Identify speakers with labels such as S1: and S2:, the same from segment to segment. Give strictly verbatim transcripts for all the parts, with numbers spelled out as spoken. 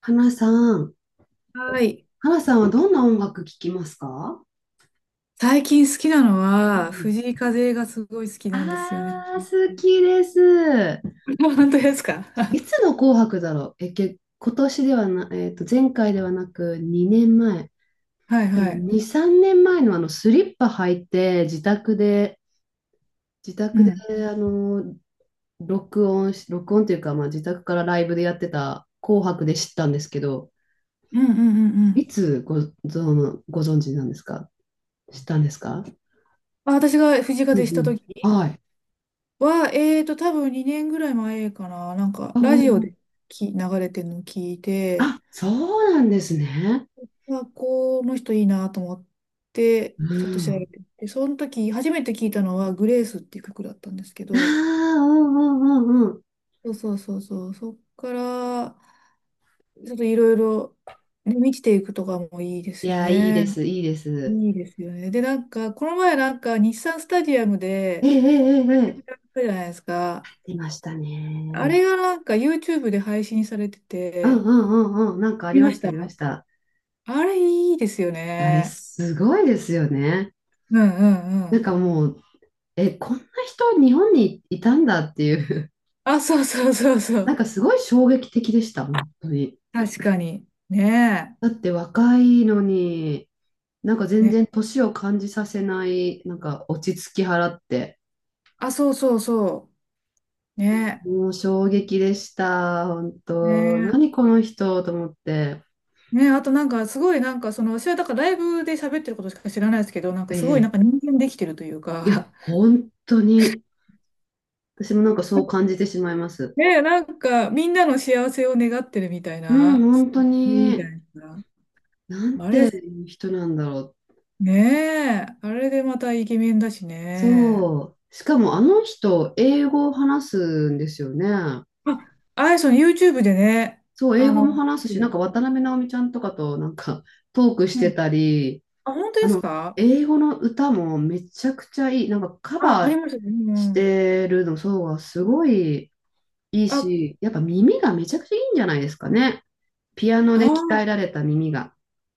S1: 花さん、
S2: はい。
S1: 花さんはどんな音楽聴きますか？
S2: 最近好きなの
S1: うん
S2: は、
S1: うん。
S2: 藤井風がすごい好き
S1: あ
S2: なんですよね。
S1: あ、好きです。
S2: 本当ですか？
S1: い つの紅白だろう。え、け、今年ではな、えっと、前回ではなくにねんまえ。
S2: はい
S1: 多
S2: は
S1: 分
S2: い。
S1: に、さんねんまえのあのスリッパ履いて自宅で、自
S2: う
S1: 宅で
S2: ん。
S1: あの、録音し、録音というか、まあ、自宅からライブでやってた紅白で知ったんですけど、
S2: うんうんうんうん。
S1: いつご、ぞご存知なんですか？知ったんですか？
S2: あ、私が藤井
S1: う
S2: 風
S1: ん
S2: し
S1: う
S2: た
S1: ん。
S2: 時
S1: はい。
S2: は、えーと、多分にねんぐらい前かな。なんか、
S1: あ、
S2: ラ
S1: お
S2: ジオ
S1: うおう。
S2: でき流れてるのを聞いて、
S1: あ、そうなんですね。
S2: あ、この人いいなと思って、
S1: う
S2: ちょっと調べ
S1: ん。
S2: てみて、その時、初めて聞いたのは、グレースっていう曲だったんですけ
S1: あ
S2: ど、
S1: あ、うんうんうんうん。
S2: そうそうそうそう、そっから、ちょっといろいろ、ね、見ていくとかもいいで
S1: い
S2: すよ
S1: や、いい
S2: ね。
S1: です、いいです。
S2: いいですよね。で、なんか、この前なんか、日産スタジアム
S1: え
S2: で、
S1: えええ
S2: 対
S1: え
S2: 局
S1: え。
S2: やったじゃないですか。
S1: 出ました
S2: あ
S1: ね。
S2: れがなんか、YouTube で配信されて
S1: うん
S2: て、
S1: うんうんうん。なんかあ
S2: 見
S1: り
S2: ま
S1: ま
S2: し
S1: した、あ
S2: た。
S1: りました。
S2: あれいいですよ
S1: あれ、
S2: ね。
S1: すごいですよね。
S2: うんうんう
S1: なん
S2: ん。
S1: かもう、え、こんな人、日本にいたんだっていう、
S2: あ、そうそうそうそ
S1: なん
S2: う。
S1: かすごい衝撃的でした、本当に。
S2: 確かに。ね
S1: だって若いのに、なんか
S2: え。
S1: 全
S2: ね。
S1: 然年を感じさせない、なんか落ち着き払って。
S2: あ、そうそうそう。ね
S1: もう衝撃でした。本
S2: え。
S1: 当。
S2: ねえ。
S1: 何この人と思って。
S2: ね、あとなんかすごいなんかその私はだからライブで喋ってることしか知らないですけど、なんか
S1: え
S2: すごいな
S1: え。
S2: んか人間できてるという
S1: いや、
S2: か。
S1: 本当に。私もなんかそう感じてしまいます。
S2: ね、なんかみんなの幸せを願ってるみたい
S1: う
S2: な、
S1: ん、
S2: そ
S1: 本当
S2: ういうみた
S1: に。
S2: いな。
S1: なん
S2: あ
S1: て
S2: れ
S1: いう人なんだろう。
S2: ね、えあれでまたイケメンだしね。
S1: そう。しかもあの人、英語を話すんですよね。
S2: ああやさん YouTube でね。
S1: そう、英
S2: あ
S1: 語
S2: の、
S1: も話すし、なんか
S2: う
S1: 渡辺直美ちゃんとかとなんかトークして
S2: ん、
S1: たり、
S2: あ本当
S1: あ
S2: です
S1: の、
S2: か？
S1: 英語の歌もめちゃくちゃいい。なんかカ
S2: あ、あ
S1: バ
S2: り
S1: ー
S2: ましたね。う
S1: し
S2: ん、
S1: てるの、そうがすごい。いい
S2: あ
S1: し、やっぱ耳がめちゃくちゃいいんじゃないですかね。ピアノで鍛え
S2: あ、
S1: られた耳が。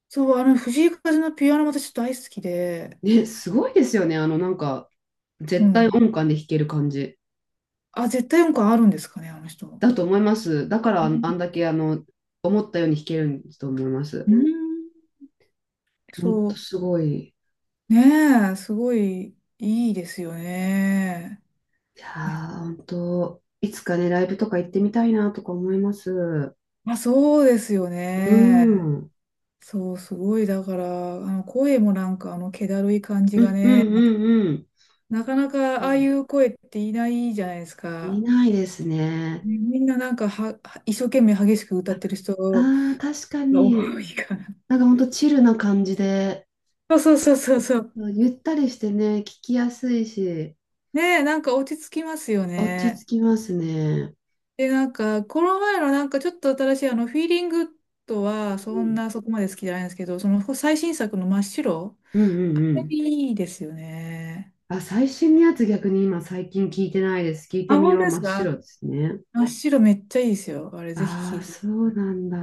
S2: そう、あの藤井風のピアノも私ちょっと大好きで。
S1: ね、すごいですよね。あの、なんか、
S2: う
S1: 絶対
S2: ん、
S1: 音感で弾ける感じ
S2: あ絶対音感あるんですかね、あの人。
S1: だと思います。だから、
S2: う
S1: あん
S2: ん。
S1: あんだけ、あの、思ったように弾けるんだと思います。ほんと
S2: そ
S1: すごい。
S2: う。ねえ、すごいいいですよね。
S1: いや
S2: め、
S1: ー、ほんと、いつかね、ライブとか行ってみたいなとか思います。う
S2: まあ、そうですよ
S1: ーん。
S2: ね。
S1: うん
S2: そう、すごい。だから、あの声もなんか、あの、気だるい感じ
S1: う
S2: が
S1: んう
S2: ね、また、
S1: んうん。
S2: なかな
S1: う
S2: かああい
S1: ん、
S2: う声っていないじゃないです
S1: い
S2: か。
S1: ないですね。
S2: ね、みんななんかは、は一生懸命激しく歌ってる人
S1: ああー、確か
S2: が
S1: に。
S2: 多いか
S1: なんかほんとチルな感じで。
S2: ら。そうそうそうそうそう。
S1: ゆったりしてね、聞きやすいし、
S2: ねえ、なんか落ち着きますよ
S1: 落ち
S2: ね。
S1: 着きますね。
S2: で、なんか、この前のなんかちょっと新しいあの、フィーリングとは、そんなそこまで好きじゃないんですけど、その最新作の真っ白、
S1: うんうんう
S2: あ
S1: んう
S2: れ
S1: ん。
S2: いいですよね。
S1: あ、最新のやつ逆に今最近聞いてないです。聞い
S2: あ、
S1: てみ
S2: 本
S1: よ
S2: 当
S1: う。
S2: で
S1: 真
S2: す
S1: っ
S2: か？
S1: 白ですね。
S2: 真っ白めっちゃいいですよ。あれぜひ
S1: あ
S2: 聞い
S1: あ、
S2: てくだ
S1: そ
S2: さ
S1: う
S2: い。
S1: なんだ。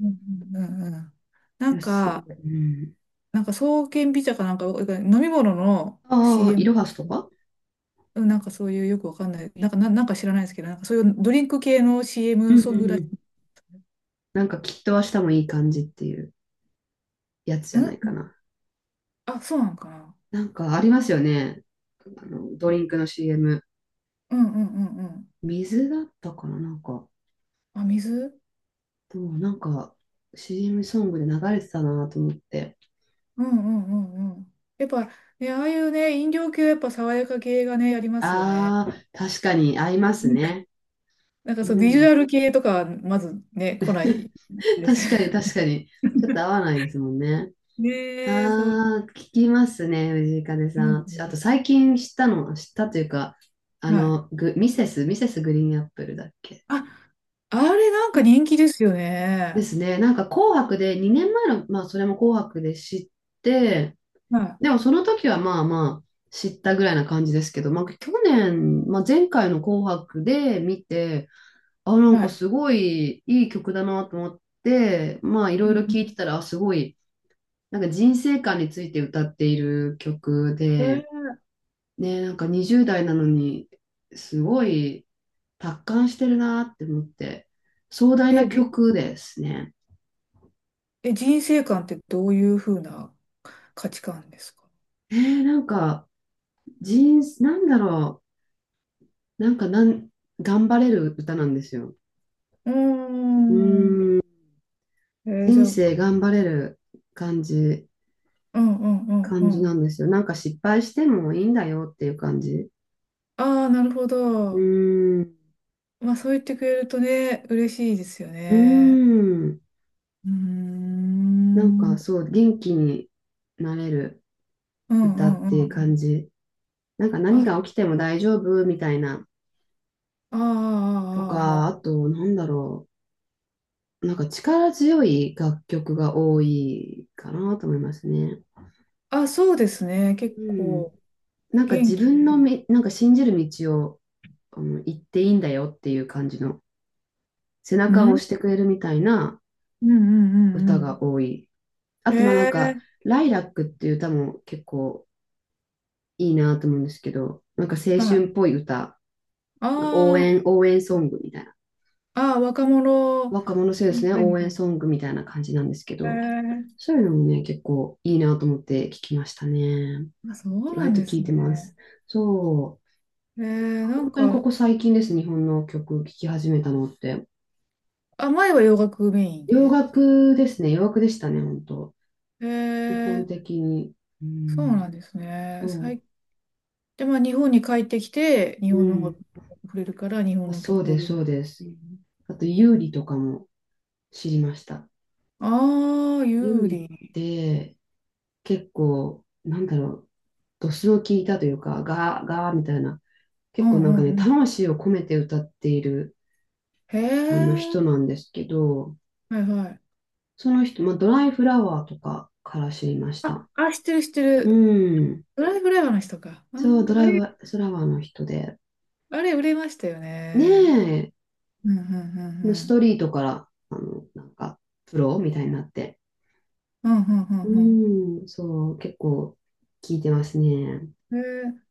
S2: うんうんうんうん。な
S1: いや、
S2: ん
S1: す
S2: か、
S1: ごい。うん。
S2: なんか爽健美茶かなんか、飲み物の
S1: ああ、イ
S2: シーエム、
S1: ロハスとか。
S2: うん、なんかそういうよくわかんない、なんか、な、なんか知らないですけど、なんかそういうドリンク系の
S1: うん
S2: シーエム
S1: う
S2: ソング
S1: んう
S2: らし
S1: ん。
S2: い。
S1: なんかきっと明日もいい感じっていうやつじ
S2: う
S1: ゃないか
S2: ん、
S1: な。
S2: あ、そうなんかな。
S1: なんかありますよね。あの、ドリンクの シーエム。
S2: うんうんうんうん。
S1: 水だったかななんか。
S2: あ、水。
S1: でもなんか シーエム ソングで流れてたなと思って。
S2: うんうんうんうん。やっぱね、ああいうね、飲料系はやっぱ爽やか系がね、ありますよね。
S1: ああ、確かに合いま す
S2: うん、
S1: ね。
S2: なんか
S1: う
S2: そう、ビジ
S1: ん。
S2: ュアル系とかはまずね、来ない です。
S1: 確かに確かに。ちょっと合わないですもんね。
S2: ねえ、そう。
S1: ああ、聞きますね、藤井風
S2: う
S1: さん。私あと
S2: ん、
S1: 最近知ったの、知ったというか、あ
S2: はい。
S1: の、グ、ミセス、ミセスグリーンアップルだっけ？
S2: あ、あれなんか
S1: です。
S2: 人気ですよ
S1: で
S2: ね。
S1: すね。なんか紅白で、にねんまえの、まあそれも紅白で知って、
S2: は
S1: でもその時はまあまあ知ったぐらいな感じですけど、まあ去年、まあ前回の紅白で見て、あ、な
S2: い。
S1: ん
S2: は
S1: か
S2: い。
S1: すごいいい曲だなと思って、まあい
S2: う
S1: ろい
S2: んう
S1: ろ
S2: ん、
S1: 聞いてたら、あすごい、なんか人生観について歌っている曲
S2: え、
S1: で、ね、なんかにじゅう代なのに、すごい達観してるなって思って、壮大
S2: え、
S1: な
S2: じ、
S1: 曲ですね。
S2: え人生観ってどういうふうな価値観ですか？
S1: えー、なんか人、なんだろう、なんかなん、頑張れる歌なんですよ。
S2: うー
S1: う
S2: ん。
S1: ーん、
S2: えーじゃ
S1: 人
S2: あ、うん、
S1: 生頑張れる感じ、
S2: うんうんう
S1: 感じな
S2: ん。
S1: んですよ。なんか失敗してもいいんだよっていう感じ。
S2: ああ、なるほ
S1: う
S2: ど。
S1: ーん、
S2: まあそう言ってくれるとね、嬉しいですよ
S1: うー
S2: ね。
S1: ん。
S2: うーん。
S1: なん
S2: う
S1: か
S2: ん
S1: そう、元気になれる
S2: う
S1: 歌っ
S2: ん
S1: て
S2: う
S1: いう感
S2: ん。
S1: じ。なんか何
S2: あ、
S1: が起きても大丈夫みたいな。
S2: あ
S1: と
S2: あ、
S1: か、あ
S2: ああ、
S1: と、なんだろう。なんか力強い楽曲が多いかなと思いますね。
S2: ああ、そうですね。結
S1: うん。
S2: 構
S1: なんか
S2: 元
S1: 自
S2: 気
S1: 分
S2: 出
S1: の
S2: る。
S1: み、なんか信じる道を、あの、行っていいんだよっていう感じの背
S2: うん、
S1: 中を
S2: う
S1: 押してくれるみたいな
S2: んうんう
S1: 歌が
S2: ん
S1: 多い。あ
S2: うん、
S1: と、まあな
S2: へ
S1: んか、
S2: え、
S1: ライラックっていう歌も結構いいなと思うんですけど、なんか青
S2: は
S1: 春
S2: い。
S1: っぽい歌、応
S2: あ
S1: 援、応援ソングみたいな。
S2: あ、ああ、若者、
S1: 若者世代です
S2: み
S1: ね、
S2: たい
S1: 応援ソ
S2: な。
S1: ングみたいな感じなんですけ
S2: へ
S1: ど、
S2: え、
S1: そういうのもね、結構いいなと思って聞きましたね。
S2: あ、そうな
S1: 割
S2: ん
S1: と
S2: で
S1: 聞
S2: す
S1: いてます。
S2: ね。
S1: そ
S2: へえ、
S1: う。
S2: なん
S1: 本当にこ
S2: か、
S1: こ最近ですね、日本の曲聴き始めたのって。
S2: あ、前は洋楽メイン
S1: 洋
S2: で。
S1: 楽ですね、洋楽でしたね、本当。
S2: へ
S1: 基
S2: え、
S1: 本的に。う
S2: そう
S1: ん、
S2: なんですね。
S1: そ
S2: 最で、まあ、日本に帰ってきて、日
S1: う。う
S2: 本の音楽
S1: ん。
S2: に触れるから、日本
S1: あ
S2: の
S1: そう
S2: 曲を。
S1: です、そうです。あと、有利とかも知りました。
S2: ああー、
S1: 料
S2: 有
S1: リっ
S2: 利。
S1: て結構、なんだろう、ドスの効いたというか、ガー、ガーみたいな、
S2: う
S1: 結構なんか
S2: んう
S1: ね、
S2: んうん。
S1: 魂を込めて歌っている
S2: へ
S1: あの
S2: え。
S1: 人なんですけど、
S2: はいはい。
S1: その人、まあ、ドライフラワーとかから知りまし
S2: あ、
S1: た。
S2: あ、知ってる知って
S1: う
S2: る。
S1: ん。
S2: ドライフライ話とか。あ
S1: そう、ド
S2: ー、
S1: ラ
S2: あ
S1: イ
S2: れ、
S1: フラワーの人で。
S2: あれ売れましたよね。
S1: ね
S2: うんうんうん
S1: え、
S2: う
S1: スト
S2: ん。
S1: リートから、あの、なんか、プロみたいになって。
S2: うんうん
S1: う
S2: うん
S1: ん、そう、結構聞いてますね。
S2: うん。へえ。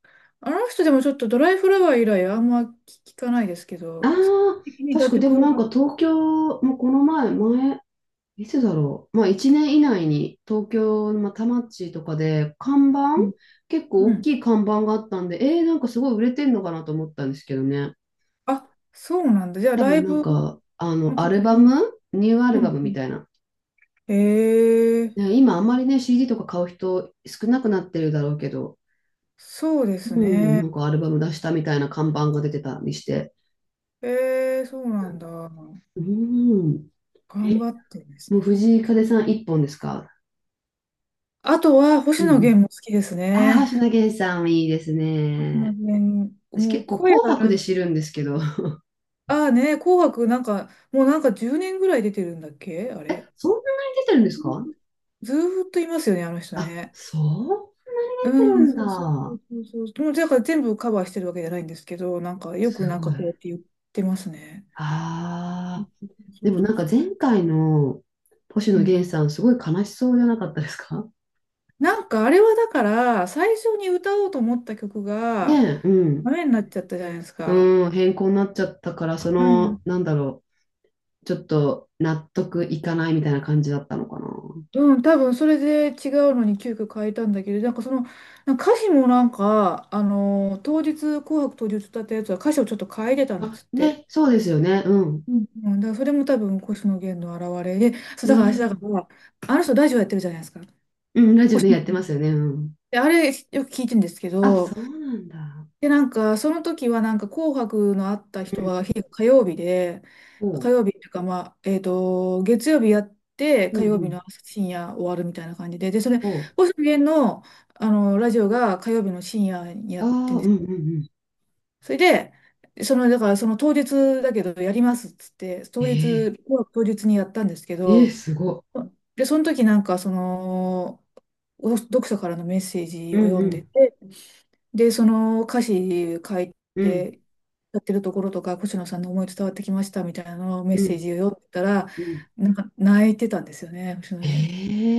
S2: あの人でもちょっとドライフラワー以来あんま聞かないですけ
S1: あ
S2: ど、
S1: あ、
S2: 的に
S1: 確
S2: 楽
S1: かで
S2: 曲
S1: も
S2: を
S1: なん
S2: 発、
S1: か東京、もうこの前、前、いつだろう。まあいちねん以内に東京、まあ、田町とかで看板、
S2: うん。
S1: 結構
S2: う
S1: 大
S2: ん、
S1: きい看板があったんで、えー、なんかすごい売れてんのかなと思ったんですけどね。
S2: あ、そうなんだ。じゃあ
S1: 多
S2: ライ
S1: 分なん
S2: ブ
S1: か、あ
S2: の
S1: の、ア
S2: 告
S1: ルバ
S2: 知み、
S1: ムニューア
S2: う
S1: ルバム
S2: んう
S1: み
S2: ん、
S1: たいな。
S2: ええ、
S1: ね今あんまりね、シーディー とか買う人少なくなってるだろうけど、
S2: そうです
S1: うん、
S2: ね。
S1: なんかアルバム出したみたいな看板が出てたりして。
S2: ええそうなんだ。頑
S1: うん。え、
S2: 張ってですね。
S1: もう藤井風さん一本ですか？
S2: あとは、星
S1: う
S2: 野
S1: ん。
S2: 源も好きです
S1: ああ、星
S2: ね。
S1: 野源さんいいです
S2: 星野
S1: ね。
S2: 源、
S1: 私
S2: も
S1: 結
S2: う
S1: 構
S2: 声
S1: 紅
S2: が
S1: 白
S2: な
S1: で
S2: ん、
S1: 知るんですけど。
S2: ああね、紅白なんか、もうなんかじゅうねんぐらい出てるんだっけあ
S1: え、
S2: れ。
S1: そんなに出てるんですか？
S2: ずーっといますよね、あの人
S1: あ、
S2: ね。
S1: そう、出て
S2: う
S1: る
S2: ん、
S1: ん
S2: そうそうそ
S1: だ。
S2: うそうそう。もうだから全部カバーしてるわけじゃないんですけど、なんかよく
S1: す
S2: なん
S1: ご
S2: かこうやっ
S1: い。
S2: て言ってますね。
S1: ああ、
S2: そ
S1: で
S2: う
S1: も
S2: そ
S1: な
S2: う
S1: んか
S2: そうそ
S1: 前回の星
S2: う。
S1: 野
S2: うん、
S1: 源さんすごい悲しそうじゃなかったですか？
S2: なんかあれはだから最初に歌おうと思った曲 が
S1: ねえ、うん。
S2: ダメになっちゃったじゃないですか。
S1: うん、変更になっちゃったから、そ
S2: う
S1: の、
S2: ん。
S1: なんだろう、ちょっと納得いかないみたいな感じだったのかな。
S2: うん、多分それで違うのに急遽変えたんだけど、なんかその、なんか歌詞もなんか、あのー当日、紅白当日歌ったやつは歌詞をちょっと変えてたんで
S1: あ、
S2: すって。
S1: ね、そうですよね。うん。
S2: うんうん、だからそれも多分星野源の表れで、そう、
S1: う
S2: だから私だか
S1: ん、
S2: ら、あの人ラジオやってるじゃないですか。
S1: うん、ラジオでやってますよね。うん。
S2: で、あれよく聞いてるんですけ
S1: あ、
S2: ど、
S1: そうなんだ。
S2: で、なんか、その時は、なんか、紅白のあった
S1: う
S2: 人
S1: ん。
S2: は、日火曜日で、
S1: お
S2: 火
S1: う。
S2: 曜日っていうか、まあ、えっと、月曜日やって、
S1: うん
S2: 火
S1: う
S2: 曜日の
S1: ん。
S2: 深夜終わるみたいな感じで、で、それ、
S1: おう。
S2: 星野源の、あの、ラジオが火曜日の深夜にや
S1: あ
S2: ってん
S1: あ、
S2: で
S1: う
S2: す
S1: んう
S2: よ。
S1: んうん。
S2: それで、その、だから、その当日だけど、やりますっつって、当
S1: え
S2: 日、当日にやったんですけ
S1: ー、えー、
S2: ど、
S1: すご
S2: で、その時なんか、その、お読者からのメッセー
S1: い。
S2: ジ
S1: う
S2: を
S1: ん
S2: 読ん
S1: う
S2: で
S1: ん
S2: て、で、その歌詞書い
S1: うん
S2: て、やってるところとか、星野さんの思い伝わってきましたみたいなのをメッ
S1: う
S2: セー
S1: ん
S2: ジを読んでたら、
S1: うん。
S2: なんか泣いてたんですよね、星野源。
S1: え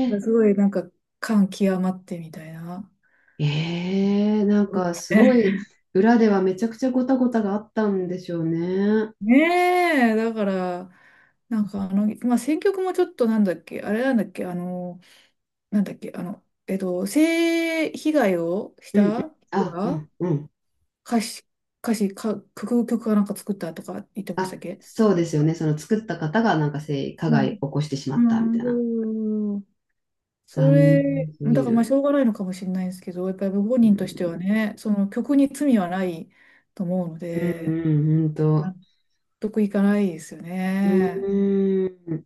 S1: ー、
S2: すごいなんか感極まってみたいな。
S1: えー、なんかすご い、裏ではめちゃくちゃごたごたがあったんでしょうね。
S2: ねえ、だから、なんかあの、まあ、選曲もちょっとなんだっけ、あれなんだっけ、あの、なんだっけ、あの、えっと、性被害をし
S1: うんうん。
S2: た人
S1: あ、う
S2: が
S1: んうん。
S2: 歌詞、歌詞か、曲、曲かなんか作ったとか言ってまし
S1: あ、
S2: たっけ？
S1: そうですよね。その作った方がなんか性加
S2: う
S1: 害起
S2: ん、
S1: こしてしまったみたいな。
S2: うーん。そ
S1: 残念
S2: れ、
S1: す
S2: だか
S1: ぎ
S2: らまあし
S1: る。
S2: ょうがないのかもしれないですけど、やっぱりご本
S1: う
S2: 人としては
S1: ん、
S2: ね、その曲に罪はないと思うの
S1: うん
S2: で、
S1: うん、ほん
S2: 納
S1: と。
S2: 得いかないですよ
S1: う
S2: ね。
S1: ーん。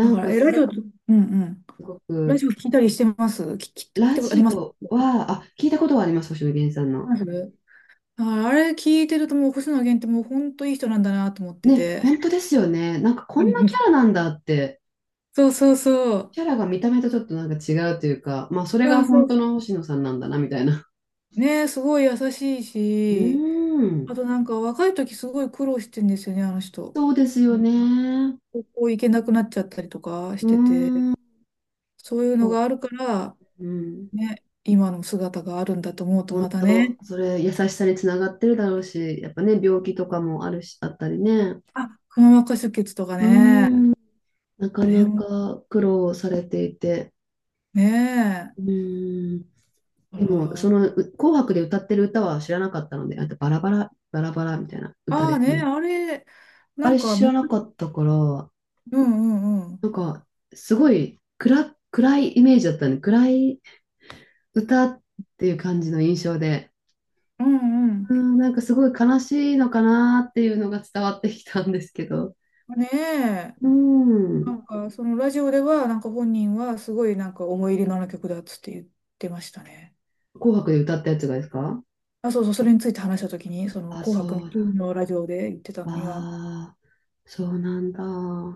S2: だか
S1: ん
S2: ら、
S1: か
S2: え、ラジオ、う
S1: す
S2: ん、うん。
S1: ご
S2: ラジ
S1: く、
S2: オ聞いたりしてます聞、き聞い
S1: ラ
S2: たことあり
S1: ジ
S2: ます
S1: オ
S2: あ
S1: は、あ、聞いたことはあります、星野源さん
S2: り
S1: の。
S2: ます、だからあれ聞いてるともう星野源ってもう本当いい人なんだなと思って
S1: ね、
S2: て。
S1: 本当ですよね。なんかこんなキャラ なんだって、
S2: そうそうそう。
S1: キャラが見た目とちょっとなんか違うというか、まあそれ
S2: う
S1: が
S2: んそ
S1: 本
S2: う
S1: 当
S2: そ
S1: の星野さんなんだな、みたいな。
S2: う。ね、すごい優しい
S1: うー
S2: し、
S1: ん、
S2: あとなんか若い時すごい苦労してんですよね、あの人。
S1: そうですよね。
S2: 高校行けなくなっちゃったりとかし
S1: うー
S2: てて、
S1: ん、
S2: そういうの
S1: そ
S2: があるから、
S1: う、うん。
S2: ね、今の姿があるんだと思うとま
S1: 本
S2: た
S1: 当、
S2: ね、
S1: それ優しさにつながってるだろうし、やっぱね、病気とかもあるし、あったりね。
S2: あ、くも膜下出血とか
S1: うー
S2: ね、
S1: ん、なか
S2: あれ
S1: な
S2: も
S1: か苦労されていて。
S2: ね
S1: う
S2: え、
S1: ーん。
S2: あ
S1: で
S2: ら、
S1: も、
S2: あ
S1: その、う紅白で歌ってる歌は知らなかったので、あとバラバラ、バラバラみたいな歌
S2: あー
S1: です
S2: ね、
S1: ね。
S2: あれ、な
S1: あ
S2: ん
S1: れ
S2: か、
S1: 知ら
S2: む、
S1: なかったから、
S2: うんうんうん、
S1: なんか、すごい暗、暗いイメージだったね。暗い歌っていう感じの印象で、
S2: うんうん、
S1: うん、なんかすごい悲しいのかなっていうのが伝わってきたんですけど、
S2: ねえ、
S1: うん、
S2: なんかそのラジオでは、なんか本人はすごいなんか思い入れのある曲だっつって言ってましたね。
S1: 紅白で歌ったやつがですか？
S2: あ、そうそう、それについて話したときに、その
S1: あ、
S2: 紅
S1: そ
S2: 白の
S1: う、
S2: 金のラジオで言ってたのには、
S1: ああ、そうなんだ。